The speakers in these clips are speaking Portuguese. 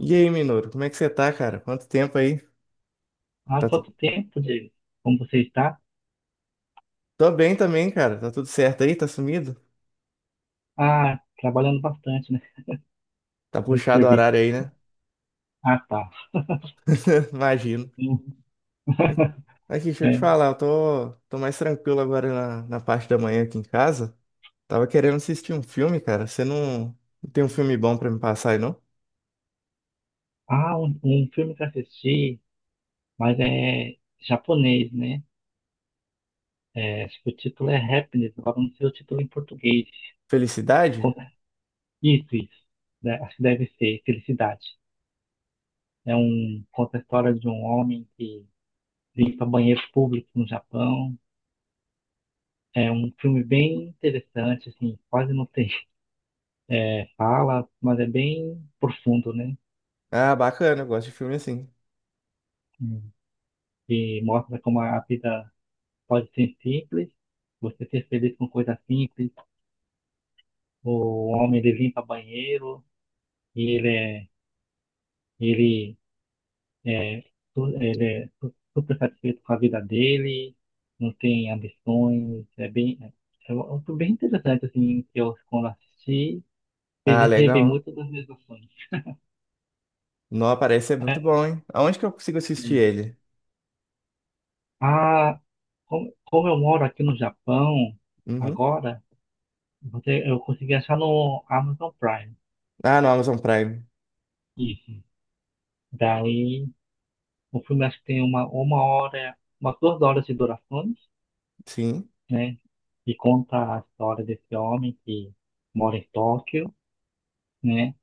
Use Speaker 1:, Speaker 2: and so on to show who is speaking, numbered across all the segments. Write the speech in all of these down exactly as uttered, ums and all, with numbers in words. Speaker 1: E aí, Minoru, como é que você tá, cara? Quanto tempo aí?
Speaker 2: Há
Speaker 1: Tá tu...
Speaker 2: quanto tempo, Diego? Como você está?
Speaker 1: Tô bem também, cara. Tá tudo certo aí? Tá sumido?
Speaker 2: Ah, trabalhando bastante, né?
Speaker 1: Tá
Speaker 2: Muito
Speaker 1: puxado o
Speaker 2: serviço.
Speaker 1: horário aí, né?
Speaker 2: Ah, tá.
Speaker 1: Imagino.
Speaker 2: Uhum.
Speaker 1: Aqui, deixa eu te
Speaker 2: É.
Speaker 1: falar, eu tô, tô mais tranquilo agora na, na parte da manhã aqui em casa. Tava querendo assistir um filme, cara. Você não, não tem um filme bom pra me passar aí, não?
Speaker 2: Ah, um, um filme que eu assisti, mas é japonês, né? É, acho que o título é Happiness, agora não sei o título em português.
Speaker 1: Felicidade?
Speaker 2: Conta- Isso, isso. Né, acho que deve ser Felicidade. É um, conta a história de um homem que limpa banheiro público no Japão. É um filme bem interessante, assim, quase não tem, é, fala, mas é bem profundo, né?
Speaker 1: Ah, bacana, eu gosto de filme assim.
Speaker 2: Hum. E mostra como a vida pode ser simples, você ser feliz com coisas simples. O homem ele limpa banheiro e ele é, ele é, su- ele é su- super satisfeito com a vida dele, não tem ambições. É bem, é algo bem interessante assim que eu quando assisti
Speaker 1: Ah,
Speaker 2: fez rever
Speaker 1: legal.
Speaker 2: muito das minhas ações.
Speaker 1: Não, parece ser
Speaker 2: É,
Speaker 1: muito
Speaker 2: é.
Speaker 1: bom, hein? Aonde que eu consigo assistir ele?
Speaker 2: Ah, como, como eu moro aqui no Japão
Speaker 1: Uhum.
Speaker 2: agora. Você, eu consegui achar no Amazon Prime.
Speaker 1: Ah, no Amazon Prime.
Speaker 2: Isso. Daí, o filme acho que tem uma, uma hora, umas duas horas de durações,
Speaker 1: Sim.
Speaker 2: né? E conta a história desse homem que mora em Tóquio, né?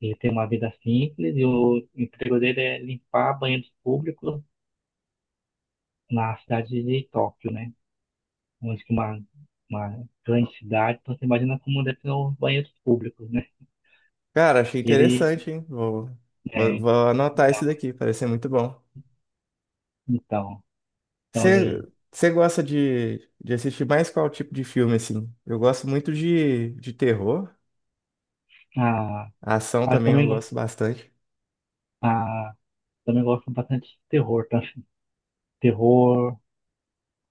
Speaker 2: Ele tem uma vida simples e o emprego dele é limpar banheiros públicos na cidade de Tóquio, né? Onde que uma, uma grande cidade, então você imagina como deve ser os banheiros públicos, né?
Speaker 1: Cara, achei
Speaker 2: E ele,
Speaker 1: interessante, hein? Vou, vou,
Speaker 2: é,
Speaker 1: vou anotar esse
Speaker 2: então,
Speaker 1: daqui, parece ser muito bom.
Speaker 2: então, então
Speaker 1: Você
Speaker 2: ele,
Speaker 1: você gosta de, de assistir mais qual tipo de filme, assim? Eu gosto muito de, de terror,
Speaker 2: a
Speaker 1: ação
Speaker 2: Ah, eu
Speaker 1: também eu
Speaker 2: também gosto.
Speaker 1: gosto bastante.
Speaker 2: Ah, também gosto bastante de terror, tá? Terror,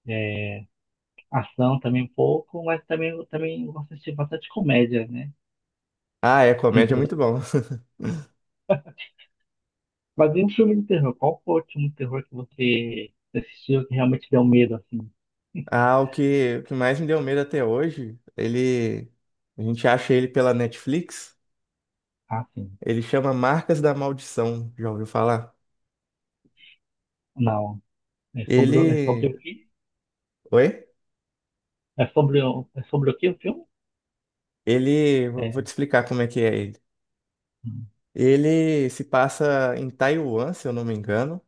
Speaker 2: é, ação também um pouco, mas também eu também gosto de assistir bastante comédia, né?
Speaker 1: Ah, é,
Speaker 2: Sim,
Speaker 1: comédia é
Speaker 2: tudo.
Speaker 1: muito bom.
Speaker 2: Mas e um filme de terror? Qual foi o último terror que você assistiu que realmente deu medo, assim?
Speaker 1: Ah, o que, o que mais me deu medo até hoje, ele, a gente acha ele pela Netflix,
Speaker 2: Ah, sim.
Speaker 1: ele chama Marcas da Maldição, já ouviu falar?
Speaker 2: Não. É sobre, o- é sobre
Speaker 1: Ele,
Speaker 2: o quê?
Speaker 1: oi?
Speaker 2: É sobre, o- é sobre o quê o filme?
Speaker 1: Ele, vou vou
Speaker 2: É.
Speaker 1: te explicar como é que é ele.
Speaker 2: Hum.
Speaker 1: Ele se passa em Taiwan, se eu não me engano,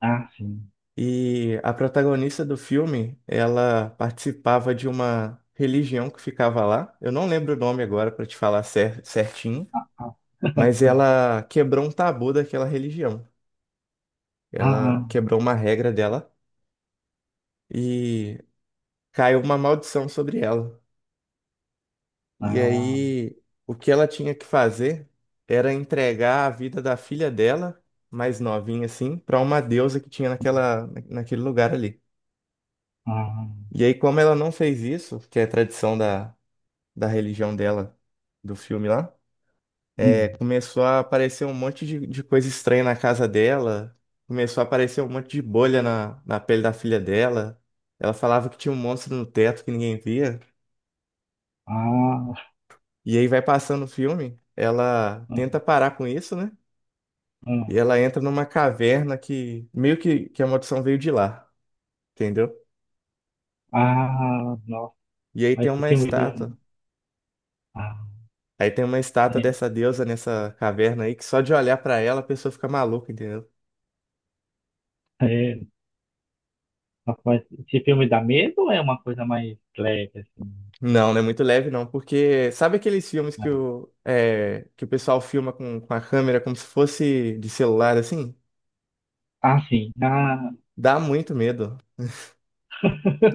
Speaker 2: Ah, sim.
Speaker 1: e a protagonista do filme, ela participava de uma religião que ficava lá. Eu não lembro o nome agora para te falar cer- certinho,
Speaker 2: Ah,
Speaker 1: mas ela quebrou um tabu daquela religião.
Speaker 2: ah,
Speaker 1: Ela
Speaker 2: ah,
Speaker 1: quebrou uma regra dela e caiu uma maldição sobre ela. E
Speaker 2: ah,
Speaker 1: aí, o que ela tinha que fazer era entregar a vida da filha dela mais novinha assim, para uma deusa que tinha naquela, naquele lugar ali.
Speaker 2: ah,
Speaker 1: E aí, como ela não fez isso, que é tradição da, da religião dela, do filme lá, é,
Speaker 2: hum,
Speaker 1: começou a aparecer um monte de, de coisa estranha na casa dela, começou a aparecer um monte de bolha na, na pele da filha dela. Ela falava que tinha um monstro no teto que ninguém via.
Speaker 2: ah,
Speaker 1: E aí vai passando o filme, ela
Speaker 2: ah, ah.
Speaker 1: tenta parar com isso, né? E
Speaker 2: Ah.
Speaker 1: ela entra numa caverna que meio que, que a maldição veio de lá, entendeu?
Speaker 2: Ah, nossa,
Speaker 1: E aí
Speaker 2: mas
Speaker 1: tem
Speaker 2: esse
Speaker 1: uma
Speaker 2: filme deu.
Speaker 1: estátua.
Speaker 2: um, Ah,
Speaker 1: Aí tem uma estátua
Speaker 2: é,
Speaker 1: dessa deusa nessa caverna aí que só de olhar pra ela a pessoa fica maluca, entendeu?
Speaker 2: é, nossa, mas esse filme dá medo ou é uma coisa mais leve, assim?
Speaker 1: Não, não é muito leve não, porque sabe aqueles filmes que
Speaker 2: Ah,
Speaker 1: o, é, que o pessoal filma com, com a câmera como se fosse de celular assim?
Speaker 2: ah, sim. Ah,
Speaker 1: Dá muito medo.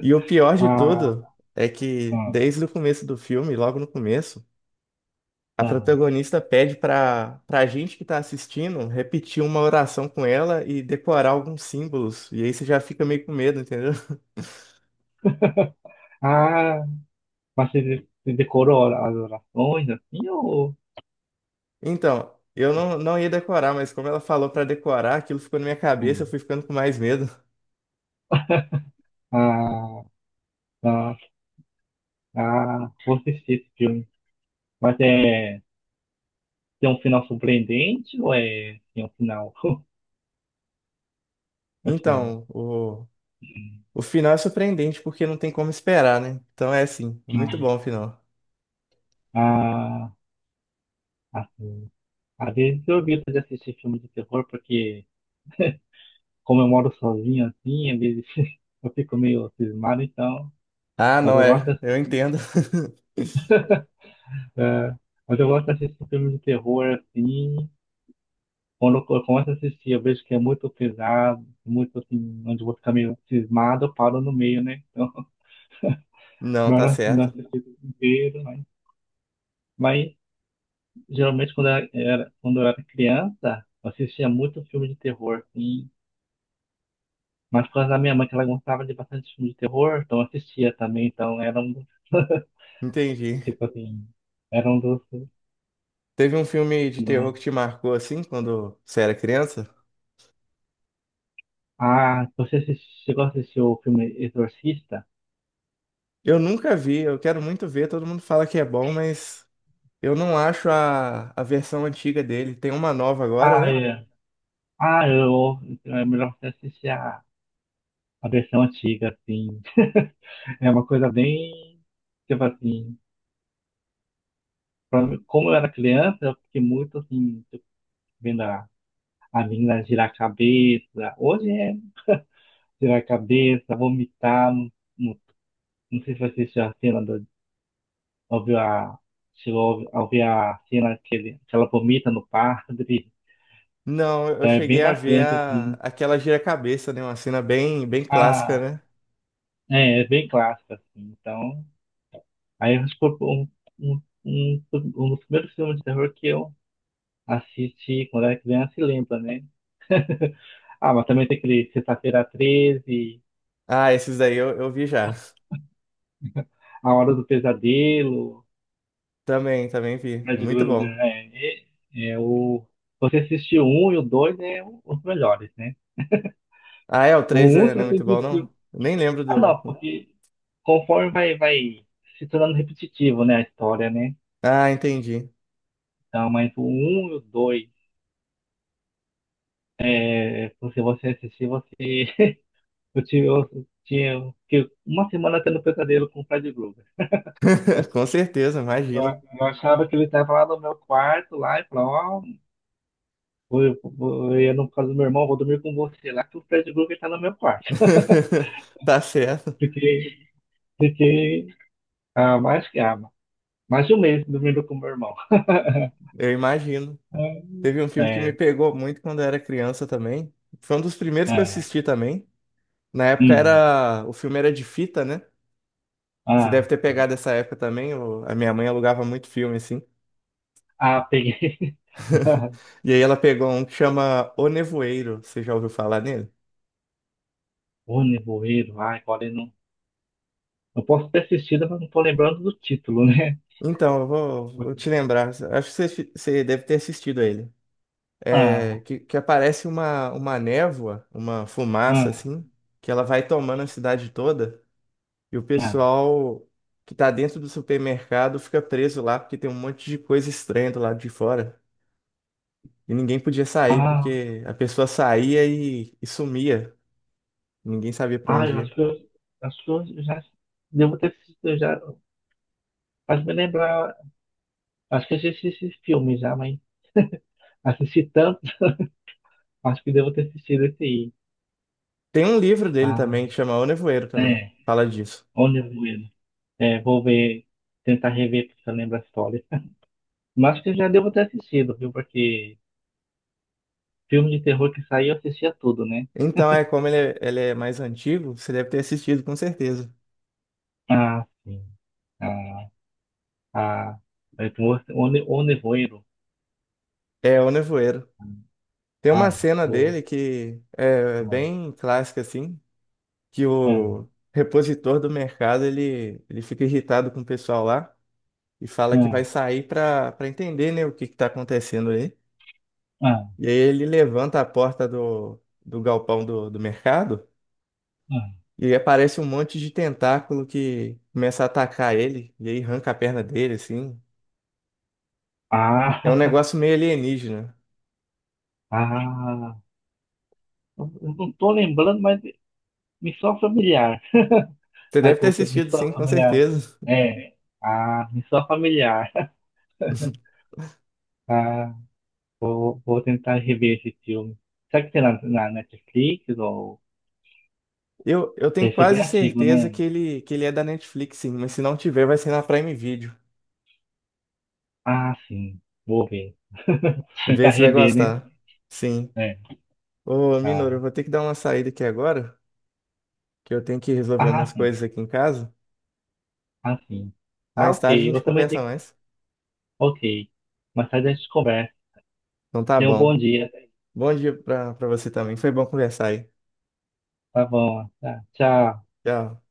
Speaker 1: E o pior de
Speaker 2: ah,
Speaker 1: tudo é que
Speaker 2: ah,
Speaker 1: desde o começo do filme, logo no começo, a
Speaker 2: ah.
Speaker 1: protagonista pede pra, pra gente que tá assistindo repetir uma oração com ela e decorar alguns símbolos. E aí você já fica meio com medo, entendeu?
Speaker 2: Ah, mas você de- você decorou as orações, assim, ou.
Speaker 1: Então, eu não, não ia decorar, mas como ela falou pra decorar, aquilo ficou na minha cabeça, eu
Speaker 2: Hum.
Speaker 1: fui ficando com mais medo.
Speaker 2: Ah, ah, ah, vou assistir esse filme. Mas é. Tem um final surpreendente ou é. Tem um final, assim.
Speaker 1: Então, o, o final é surpreendente porque não tem como esperar, né? Então é assim, muito
Speaker 2: Hum,
Speaker 1: bom o final.
Speaker 2: ah, ah, assim. Às vezes eu evito de assistir filme de terror, porque como eu moro sozinho assim, às vezes eu fico meio cismado, então.
Speaker 1: Ah,
Speaker 2: Mas
Speaker 1: não
Speaker 2: eu gosto
Speaker 1: é,
Speaker 2: dessa-
Speaker 1: eu entendo.
Speaker 2: é, mas eu gosto de assistir filme de terror assim. Quando eu começo a assistir, eu vejo que é muito pesado, muito assim, onde eu vou ficar meio cismado, eu paro no meio, né? Então,
Speaker 1: Não, tá
Speaker 2: melhor não
Speaker 1: certo.
Speaker 2: assistir tudo inteiro, mas, mas geralmente quando eu era, era- quando eu era criança, eu assistia muito filme de terror, assim. Mas por causa da minha mãe, que ela gostava de bastante filme de terror, então eu assistia também, então era um dos,
Speaker 1: Entendi.
Speaker 2: tipo assim, era um dos,
Speaker 1: Teve um filme de terror
Speaker 2: do-
Speaker 1: que te marcou assim quando você era criança?
Speaker 2: Ah, você assisti- chegou a assistir o filme Exorcista?
Speaker 1: Eu nunca vi, eu quero muito ver, todo mundo fala que é bom, mas eu não acho a, a versão antiga dele. Tem uma nova agora,
Speaker 2: Ah,
Speaker 1: né?
Speaker 2: é. Ah, eu, então é melhor você assistir a, a versão antiga, assim, é uma coisa bem, tipo assim, pra mim- como eu era criança, eu fiquei muito, assim, tipo, vendo a, a menina girar a cabeça, hoje é girar a cabeça, vomitar, não, não sei se você assistiu a cena do Ouviu a, chegou a ouvir a cena que, ele, que ela vomita no padre.
Speaker 1: Não, eu
Speaker 2: Então é bem
Speaker 1: cheguei a ver
Speaker 2: marcante,
Speaker 1: a,
Speaker 2: assim.
Speaker 1: aquela gira-cabeça, né? Uma cena bem, bem clássica,
Speaker 2: Ah,
Speaker 1: né?
Speaker 2: é, é bem clássico, assim. Então, aí acho que foi um, um, um, um dos primeiros filmes de terror que eu assisti quando era criança e lembra, né? Ah, mas também tem aquele Sexta-feira treze,
Speaker 1: Ah, esses daí eu, eu vi já.
Speaker 2: A Hora do Pesadelo,
Speaker 1: Também, também vi.
Speaker 2: Fred
Speaker 1: Muito
Speaker 2: Krueger,
Speaker 1: bom.
Speaker 2: é, é, é o... Você assistiu um e o dois é o- os melhores, né?
Speaker 1: Ah, é, o
Speaker 2: O
Speaker 1: três
Speaker 2: um
Speaker 1: é-
Speaker 2: você
Speaker 1: não é muito bom, não?
Speaker 2: assistiu...
Speaker 1: Eu nem lembro
Speaker 2: Ah, não,
Speaker 1: do.
Speaker 2: porque... conforme vai, vai se tornando repetitivo, né, a história, né?
Speaker 1: Ah, entendi.
Speaker 2: Então, mas o um e o dois, é, se você assistir, você. Eu, tive, eu tinha fiquei uma semana tendo pesadelo com o Fred Krueger.
Speaker 1: Com certeza,
Speaker 2: Eu,
Speaker 1: imagino.
Speaker 2: eu achava que ele estava lá no meu quarto, lá, e falava, ó, vou- eu, vou- eu ia no caso do meu irmão, vou dormir com você lá, que o Fred Krueger está no meu quarto.
Speaker 1: Tá certo,
Speaker 2: Fiquei, fiquei ah, mais que ah, mais de um mês dormindo com o meu irmão.
Speaker 1: eu imagino.
Speaker 2: É,
Speaker 1: Teve um filme que me
Speaker 2: é,
Speaker 1: pegou muito quando eu era criança também. Foi um dos primeiros que eu
Speaker 2: ah,
Speaker 1: assisti também. Na época
Speaker 2: hum,
Speaker 1: era. O filme era de fita, né? Você
Speaker 2: ah,
Speaker 1: deve ter pegado essa época também. o- A minha mãe alugava muito filme, assim.
Speaker 2: ah, peguei.
Speaker 1: E aí ela pegou um que chama O Nevoeiro. Você já ouviu falar nele?
Speaker 2: O Nevoeiro, ai, agora eu não. Eu posso ter assistido, mas não tô lembrando do título, né?
Speaker 1: Então, eu vou, vou te lembrar. Acho que você, você deve ter assistido a ele. É,
Speaker 2: Ah,
Speaker 1: que, que aparece uma, uma névoa, uma fumaça,
Speaker 2: ah,
Speaker 1: assim, que ela vai tomando a cidade toda. E o
Speaker 2: ah,
Speaker 1: pessoal que tá dentro do supermercado fica preso lá, porque tem um monte de coisa estranha do lado de fora. E ninguém podia sair,
Speaker 2: ah,
Speaker 1: porque a pessoa saía e, e sumia. Ninguém sabia pra
Speaker 2: ah,
Speaker 1: onde
Speaker 2: eu acho
Speaker 1: ia.
Speaker 2: que eu, acho que eu já devo ter assistido, eu já. Faz me lembrar, acho que eu já assisti esse filme já, mas assisti tanto, acho que devo ter assistido esse aí.
Speaker 1: Tem um livro dele
Speaker 2: Ah,
Speaker 1: também que chama O Nevoeiro também,
Speaker 2: é,
Speaker 1: fala disso.
Speaker 2: O Nevoeiro. É, vou ver, tentar rever porque eu lembro a história. Mas acho que eu já devo ter assistido, viu? Porque filme de terror que saiu eu assistia tudo, né?
Speaker 1: Então é como ele é, ele é mais antigo, você deve ter assistido com certeza.
Speaker 2: Ah, sim. Ah. 아, 무엇, 오늘, 오늘 뭐해로?
Speaker 1: É O Nevoeiro. Tem uma
Speaker 2: 아,
Speaker 1: cena dele
Speaker 2: 뭐,
Speaker 1: que é
Speaker 2: 아,
Speaker 1: bem clássica assim, que
Speaker 2: 응,
Speaker 1: o repositor do mercado ele, ele fica irritado com o pessoal lá e fala que vai
Speaker 2: 응,
Speaker 1: sair para para entender, né, o que está acontecendo aí.
Speaker 2: 응,
Speaker 1: E aí ele levanta a porta do, do galpão do, do mercado.
Speaker 2: 응.
Speaker 1: E aí aparece um monte de tentáculo que começa a atacar ele, e aí arranca a perna dele, assim. É um
Speaker 2: Ah,
Speaker 1: negócio meio alienígena.
Speaker 2: ah, ah. Ah, ah. Eu não estou lembrando, mas missão familiar.
Speaker 1: Você
Speaker 2: Vai
Speaker 1: deve ter
Speaker 2: com essa
Speaker 1: assistido,
Speaker 2: missão
Speaker 1: sim, com
Speaker 2: familiar.
Speaker 1: certeza.
Speaker 2: É, ah, missão familiar. Ah, vou, vou tentar rever esse filme. Será que tem na, na Netflix ou
Speaker 1: Eu, eu tenho
Speaker 2: deve ser
Speaker 1: quase
Speaker 2: bem antigo,
Speaker 1: certeza que
Speaker 2: né?
Speaker 1: ele, que ele é da Netflix, sim, mas se não tiver, vai ser na Prime Video.
Speaker 2: Ah, sim, vou ver.
Speaker 1: Vê
Speaker 2: Tentar
Speaker 1: se vai
Speaker 2: rever, né?
Speaker 1: gostar. Sim.
Speaker 2: É.
Speaker 1: Ô, Minoru, eu
Speaker 2: Ah,
Speaker 1: vou ter que dar uma saída aqui agora, que eu tenho que resolver umas
Speaker 2: ah,
Speaker 1: coisas aqui em casa.
Speaker 2: assim. Ah,
Speaker 1: Mais
Speaker 2: ok.
Speaker 1: tarde a
Speaker 2: Eu
Speaker 1: gente
Speaker 2: também
Speaker 1: conversa
Speaker 2: tenho que.
Speaker 1: mais.
Speaker 2: Ok. Mas sai dessa conversa.
Speaker 1: Então tá
Speaker 2: Tenha um bom
Speaker 1: bom.
Speaker 2: dia.
Speaker 1: Bom dia pra, pra você também. Foi bom conversar aí.
Speaker 2: Tá bom. Tá. Tchau.
Speaker 1: Tchau.